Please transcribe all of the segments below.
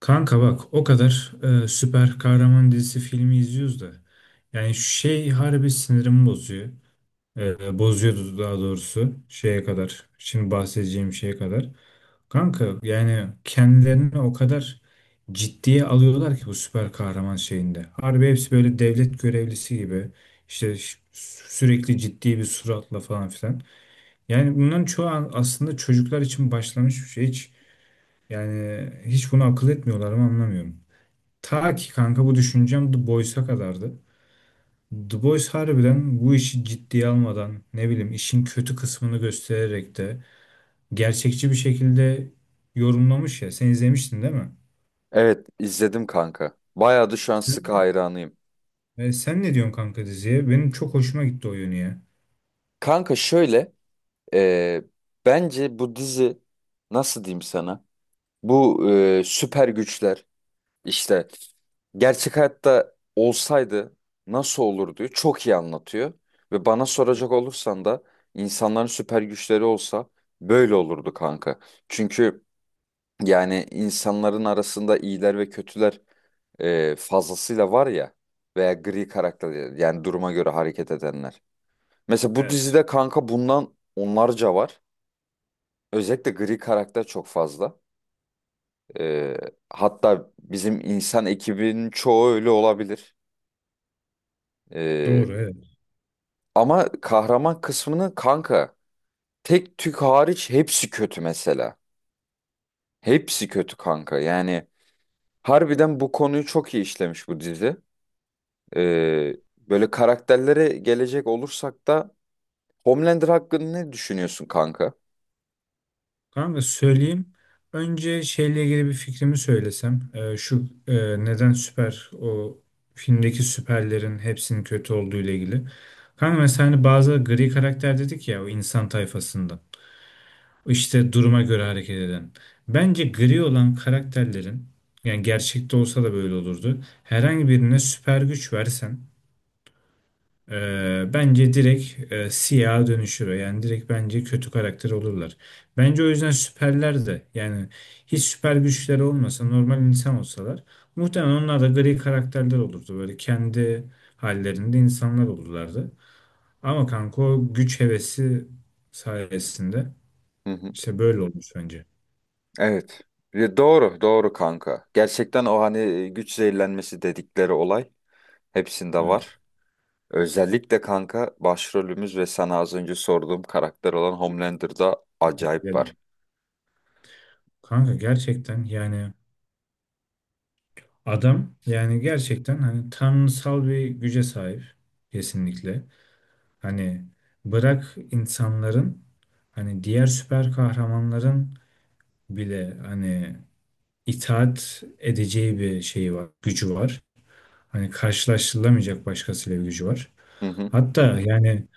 Kanka bak o kadar süper kahraman dizisi filmi izliyoruz da yani şey harbi sinirimi bozuyor. Bozuyordu daha doğrusu şeye kadar. Şimdi bahsedeceğim şeye kadar. Kanka yani kendilerini o kadar ciddiye alıyorlar ki bu süper kahraman şeyinde. Harbi hepsi böyle devlet görevlisi gibi işte sürekli ciddi bir suratla falan filan. Yani bunların çoğu aslında çocuklar için başlamış bir şey. Hiç yani hiç bunu akıl etmiyorlar mı anlamıyorum. Ta ki kanka bu düşüncem The Boys'a kadardı. The Boys harbiden bu işi ciddiye almadan ne bileyim işin kötü kısmını göstererek de gerçekçi bir şekilde yorumlamış ya. Sen izlemiştin değil mi? Evet, izledim kanka. Bayağı da şu an sıkı Sen, hayranıyım. Sen ne diyorsun kanka diziye? Benim çok hoşuma gitti o yönü ya. Kanka şöyle e, bence bu dizi, nasıl diyeyim sana? Bu süper güçler işte gerçek hayatta olsaydı nasıl olurdu çok iyi anlatıyor. Ve bana soracak olursan da insanların süper güçleri olsa böyle olurdu kanka. Çünkü yani insanların arasında iyiler ve kötüler fazlasıyla var ya, veya gri karakter, yani duruma göre hareket edenler. Mesela bu Evet. dizide kanka bundan onlarca var. Özellikle gri karakter çok fazla. E, Hatta bizim insan ekibinin çoğu öyle olabilir. E, Doğru, evet. Ama kahraman kısmını kanka tek tük hariç hepsi kötü mesela. Hepsi kötü kanka, yani harbiden bu konuyu çok iyi işlemiş bu dizi. E, Böyle karakterlere gelecek olursak da Homelander hakkında ne düşünüyorsun kanka? Kanka söyleyeyim. Önce şeyle ilgili bir fikrimi söylesem. Şu neden süper o filmdeki süperlerin hepsinin kötü olduğu ile ilgili. Kanka mesela hani bazı gri karakter dedik ya o insan tayfasından. İşte duruma göre hareket eden. Bence gri olan karakterlerin yani gerçekte olsa da böyle olurdu. Herhangi birine süper güç versen bence direkt siyaha dönüşür. Yani direkt bence kötü karakter olurlar. Bence o yüzden süperler de yani hiç süper güçleri olmasa normal insan olsalar muhtemelen onlar da gri karakterler olurdu. Böyle kendi hallerinde insanlar olurlardı. Ama kanka o güç hevesi sayesinde Hı hı. işte böyle olmuş bence. Evet. Ya doğru, doğru kanka. Gerçekten o hani güç zehirlenmesi dedikleri olay hepsinde Evet. var. Özellikle kanka başrolümüz ve sana az önce sorduğum karakter olan Homelander'da Tebrik acayip var. ederim. Kanka gerçekten yani adam yani gerçekten hani tanrısal bir güce sahip kesinlikle. Hani bırak insanların, hani diğer süper kahramanların bile hani itaat edeceği bir şeyi var, gücü var. Hani karşılaştırılamayacak başkasıyla bir gücü var. Hı hı. Hatta yani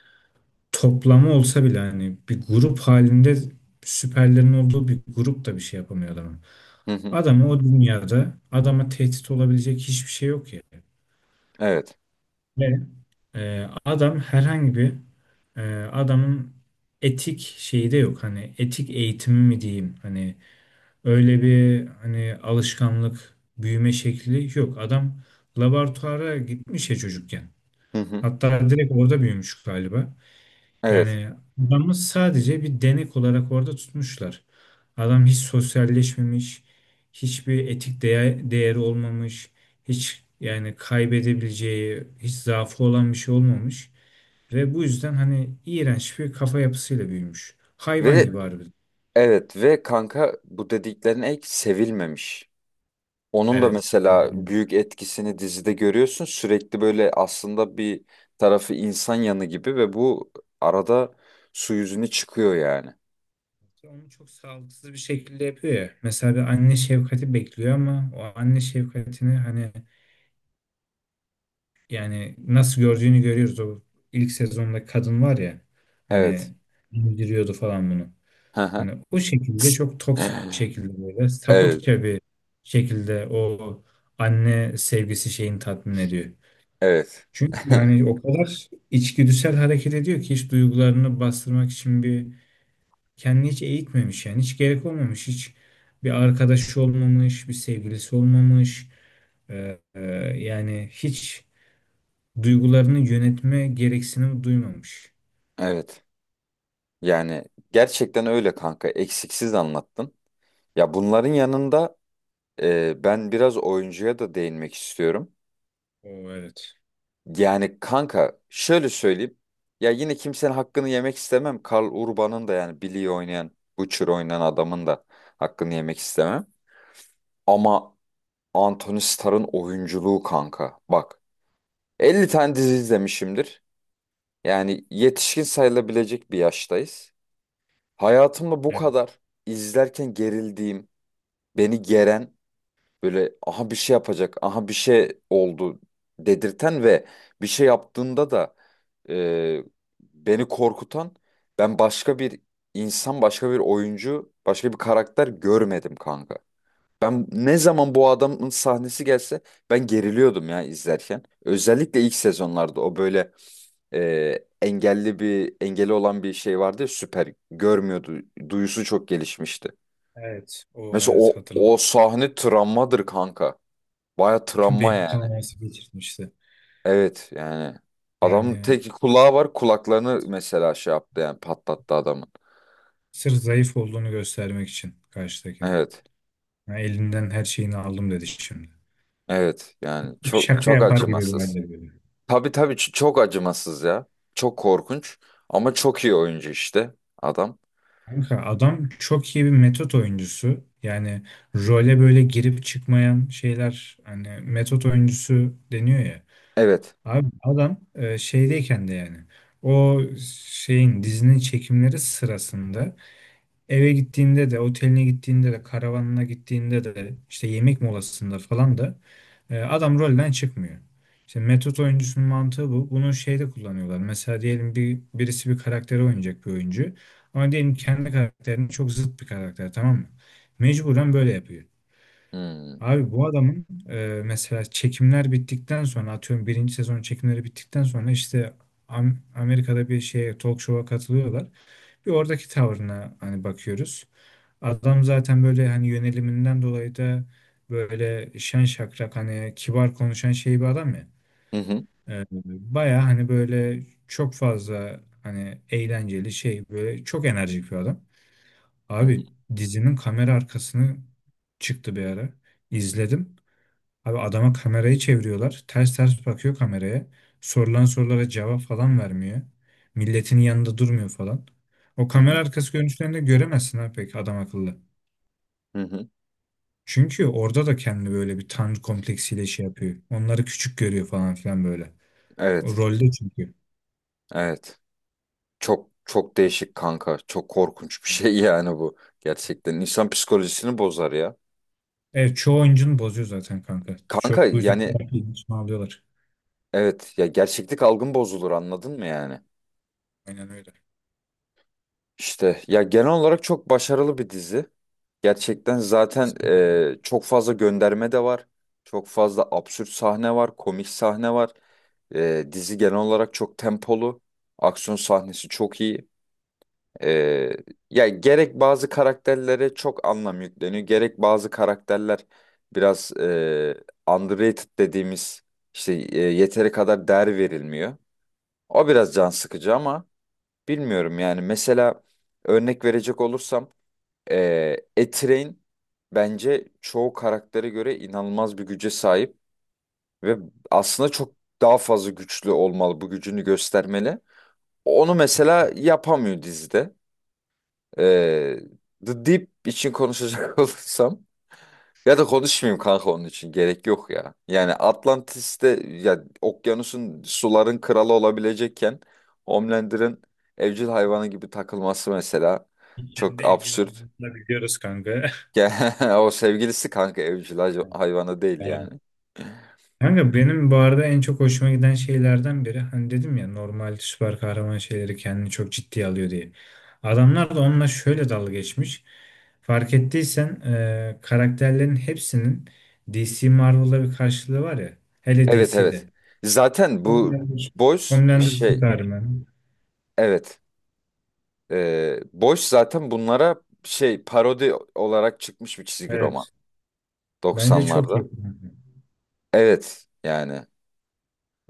toplamı olsa bile hani bir grup halinde süperlerin olduğu bir grup da bir şey yapamıyor adamın. Hı hı. Adamı o dünyada adama tehdit olabilecek hiçbir şey yok ya. Evet. Adam herhangi bir e, adamın etik şeyi de yok. Hani etik eğitimi mi diyeyim? Hani öyle bir hani alışkanlık, büyüme şekli yok. Adam laboratuvara gitmiş ya çocukken. Hı hı. Hatta direkt orada büyümüş galiba. Evet. Yani adamı sadece bir denek olarak orada tutmuşlar. Adam hiç sosyalleşmemiş, hiçbir etik değer, değeri olmamış, hiç yani kaybedebileceği, hiç zaafı olan bir şey olmamış. Ve bu yüzden hani iğrenç bir kafa yapısıyla büyümüş. Hayvan Ve gibi harbiden. evet, ve kanka bu dediklerin ek sevilmemiş. Onun da Evet. Aynen mesela öyle. büyük etkisini dizide görüyorsun. Sürekli böyle aslında bir tarafı insan yanı gibi ve bu arada su yüzüne çıkıyor yani. Onu çok sağlıksız bir şekilde yapıyor ya. Mesela bir anne şefkati bekliyor ama o anne şefkatini hani yani nasıl gördüğünü görüyoruz. O ilk sezonda kadın var ya Evet. hani indiriyordu falan bunu. Hı hı. Hani o şekilde çok toksik bir şekilde böyle Evet, sapıkça bir şekilde o anne sevgisi şeyini tatmin ediyor. evet. Çünkü yani o kadar içgüdüsel hareket ediyor ki hiç duygularını bastırmak için bir kendini hiç eğitmemiş, yani hiç gerek olmamış, hiç bir arkadaşı olmamış, bir sevgilisi olmamış. Ee, e, Yani hiç duygularını yönetme gereksinimi duymamış. Evet. Yani gerçekten öyle kanka. Eksiksiz anlattın. Ya bunların yanında ben biraz oyuncuya da değinmek istiyorum. O evet. Yani kanka şöyle söyleyeyim. Ya yine kimsenin hakkını yemek istemem. Karl Urban'ın da, yani Billy'yi oynayan, Butcher oynayan adamın da hakkını yemek istemem. Ama Anthony Starr'ın oyunculuğu kanka. Bak, 50 tane dizi izlemişimdir. Yani yetişkin sayılabilecek bir yaştayız. Hayatımda bu Evet, kadar izlerken gerildiğim, beni geren, böyle aha bir şey yapacak, aha bir şey oldu dedirten ve bir şey yaptığında da e, beni korkutan, ben başka bir insan, başka bir oyuncu, başka bir karakter görmedim kanka. Ben ne zaman bu adamın sahnesi gelse ben geriliyordum ya izlerken. Özellikle ilk sezonlarda o böyle e, engelli, bir engeli olan bir şey vardı ya, süper görmüyordu. Duyusu çok gelişmişti. evet. O Mesela evet, o hatırladım. o sahne travmadır kanka. Baya travma Beyin yani. kanaması geçirmişti. Evet yani. Adamın Yani tek kulağı var. Kulaklarını mesela şey yaptı, yani patlattı adamın. sırf zayıf olduğunu göstermek için karşıdakinin. Evet. Ha, elinden her şeyini aldım dedi şimdi. Evet yani, çok Şaka çok yapar gibi bir acımasız. halde böyle. Tabii tabii, çok acımasız ya. Çok korkunç ama çok iyi oyuncu işte adam. Kanka adam çok iyi bir metot oyuncusu. Yani role böyle girip çıkmayan şeyler hani metot oyuncusu deniyor ya. Evet. Abi adam şeydeyken de yani o şeyin, dizinin çekimleri sırasında eve gittiğinde de, oteline gittiğinde de, karavanına gittiğinde de, işte yemek molasında falan da adam rolden çıkmıyor. Şimdi metot oyuncusunun mantığı bu. Bunu şeyde kullanıyorlar. Mesela diyelim birisi bir karakteri oynayacak bir oyuncu. Ama diyelim kendi karakterinin çok zıt bir karakter, tamam mı? Mecburen böyle yapıyor. Hmm. Abi bu adamın, mesela çekimler bittikten sonra, atıyorum birinci sezon çekimleri bittikten sonra işte Amerika'da bir şeye, talk show'a katılıyorlar. Bir oradaki tavrına hani bakıyoruz. Adam zaten böyle hani yöneliminden dolayı da böyle şen şakrak hani kibar konuşan şey bir adam ya. Hı hı. Ee, Baya hani böyle çok fazla hani eğlenceli şey böyle çok enerjik bir adam. Hı hı. Abi dizinin kamera arkasını çıktı bir ara. İzledim. Abi adama kamerayı çeviriyorlar. Ters ters bakıyor kameraya. Sorulan sorulara cevap falan vermiyor. Milletin yanında durmuyor falan. O Hı kamera hı. arkası görüntülerinde göremezsin ha pek adam akıllı. Hı hı. Çünkü orada da kendi böyle bir tanrı kompleksiyle şey yapıyor. Onları küçük görüyor falan filan böyle. O Evet. rolde çünkü. Evet. Çok çok değişik kanka. Çok korkunç bir şey yani bu. Gerçekten insan psikolojisini bozar ya. Evet, çoğu oyuncunu bozuyor zaten kanka. Kanka Bu yüzden yani terapiyi içine alıyorlar. evet ya, gerçeklik algın bozulur, anladın mı yani? Aynen öyle. İşte ya, genel olarak çok başarılı bir dizi. Gerçekten zaten çok fazla gönderme de var. Çok fazla absürt sahne var, komik sahne var. Dizi genel olarak çok tempolu. Aksiyon sahnesi çok iyi. E, Ya gerek bazı karakterlere çok anlam yükleniyor, gerek bazı karakterler biraz underrated dediğimiz işte yeteri kadar değer verilmiyor. O biraz can sıkıcı ama bilmiyorum yani, mesela örnek verecek olursam E-Train bence çoğu karaktere göre inanılmaz bir güce sahip ve aslında çok daha fazla güçlü olmalı, bu gücünü göstermeli. Onu mesela yapamıyor dizide. Eee, The Deep için konuşacak olursam, ya da konuşmayayım kanka, onun için gerek yok ya. Yani Atlantis'te ya, okyanusun, suların kralı olabilecekken Homelander'ın evcil hayvanı gibi takılması mesela Kendi çok evcil absürt. hayvanını da biliyoruz kanka. Ya, o sevgilisi kanka, evcil hayvanı değil Pardon. yani. Kanka benim bu arada en çok hoşuma giden şeylerden biri hani dedim ya normal süper kahraman şeyleri kendini çok ciddiye alıyor diye. Adamlar da onunla şöyle dalga geçmiş. Fark ettiysen karakterlerin hepsinin DC Marvel'da bir karşılığı var ya. Hele Evet, DC'de. evet. Zaten bu Homelander, Boys Homelander şey, Superman. evet. Boys zaten bunlara şey, parodi olarak çıkmış bir çizgi roman Evet. Bence çok 90'larda. iyi. Evet yani.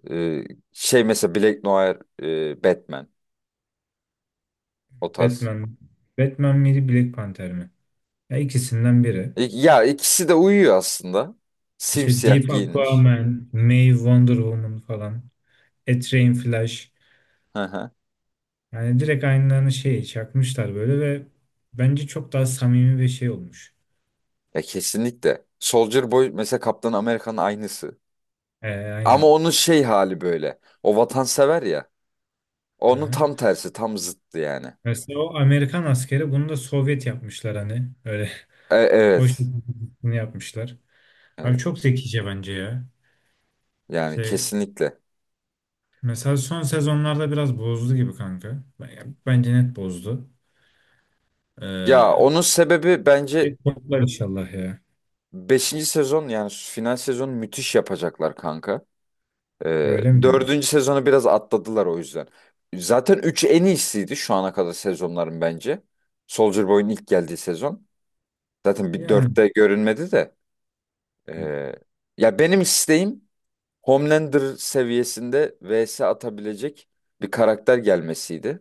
Ee, Şey mesela Black Noir, Batman, o tarz. Batman. Batman miydi, Black Panther mi? Ya ikisinden biri. Ya ikisi de uyuyor aslında. İşte Simsiyah Deep giyinmiş. Aquaman, May Wonder Woman falan. A Flash. Hı hı. Yani direkt aynılarını şey çakmışlar böyle ve bence çok daha samimi bir şey olmuş. Ya kesinlikle. Soldier Boy mesela Kaptan Amerika'nın aynısı. Ama Aynen. onun şey hali böyle. O vatansever ya. Onun tam Aha. tersi, tam zıttı yani. Mesela o Amerikan askeri, bunu da Sovyet yapmışlar hani. Öyle o Evet. şekilde yapmışlar. Abi Evet. çok zekice bence ya. Yani Şey kesinlikle. mesela son sezonlarda biraz bozdu gibi kanka. Bence net bozdu. Ya Ee, onun sebebi Bir bence toplar inşallah ya. beşinci sezon, yani final sezonu müthiş yapacaklar kanka. Öyle mi diyorsun? Dördüncü sezonu biraz atladılar o yüzden. Zaten 3 en iyisiydi şu ana kadar sezonların bence. Soldier Boy'un ilk geldiği sezon. Zaten bir Yani. dörtte görünmedi de. Hı. Ee, Ya benim isteğim Homelander seviyesinde vs atabilecek bir karakter gelmesiydi.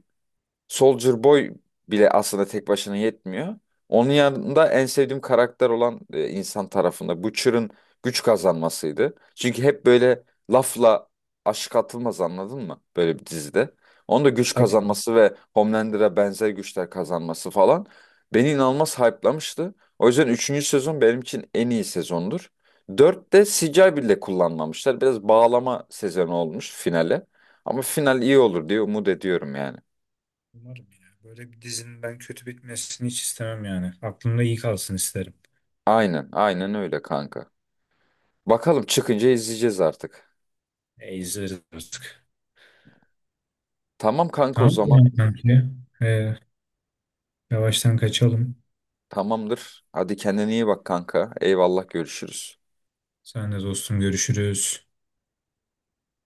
Soldier Boy bile aslında tek başına yetmiyor. Onun yanında en sevdiğim karakter olan insan tarafında Butcher'ın güç kazanmasıydı. Çünkü hep böyle lafla aşık atılmaz, anladın mı? Böyle bir dizide. Onun da E, güç tabii. kazanması ve Homelander'a benzer güçler kazanması falan beni inanılmaz hype'lamıştı. O yüzden üçüncü sezon benim için en iyi sezondur. 4'te CGI bile kullanmamışlar. Biraz bağlama sezonu olmuş finale. Ama final iyi olur diye umut ediyorum yani. Umarım ya. Böyle bir dizinin ben kötü bitmesini hiç istemem yani. Aklımda iyi kalsın isterim. Aynen, aynen öyle kanka. Bakalım çıkınca izleyeceğiz artık. E, izleriz artık. Tamam kanka o Tamam mı zaman. yani kanki? E, Yavaştan kaçalım. Tamamdır. Hadi kendine iyi bak kanka. Eyvallah, görüşürüz. Sen de dostum, görüşürüz.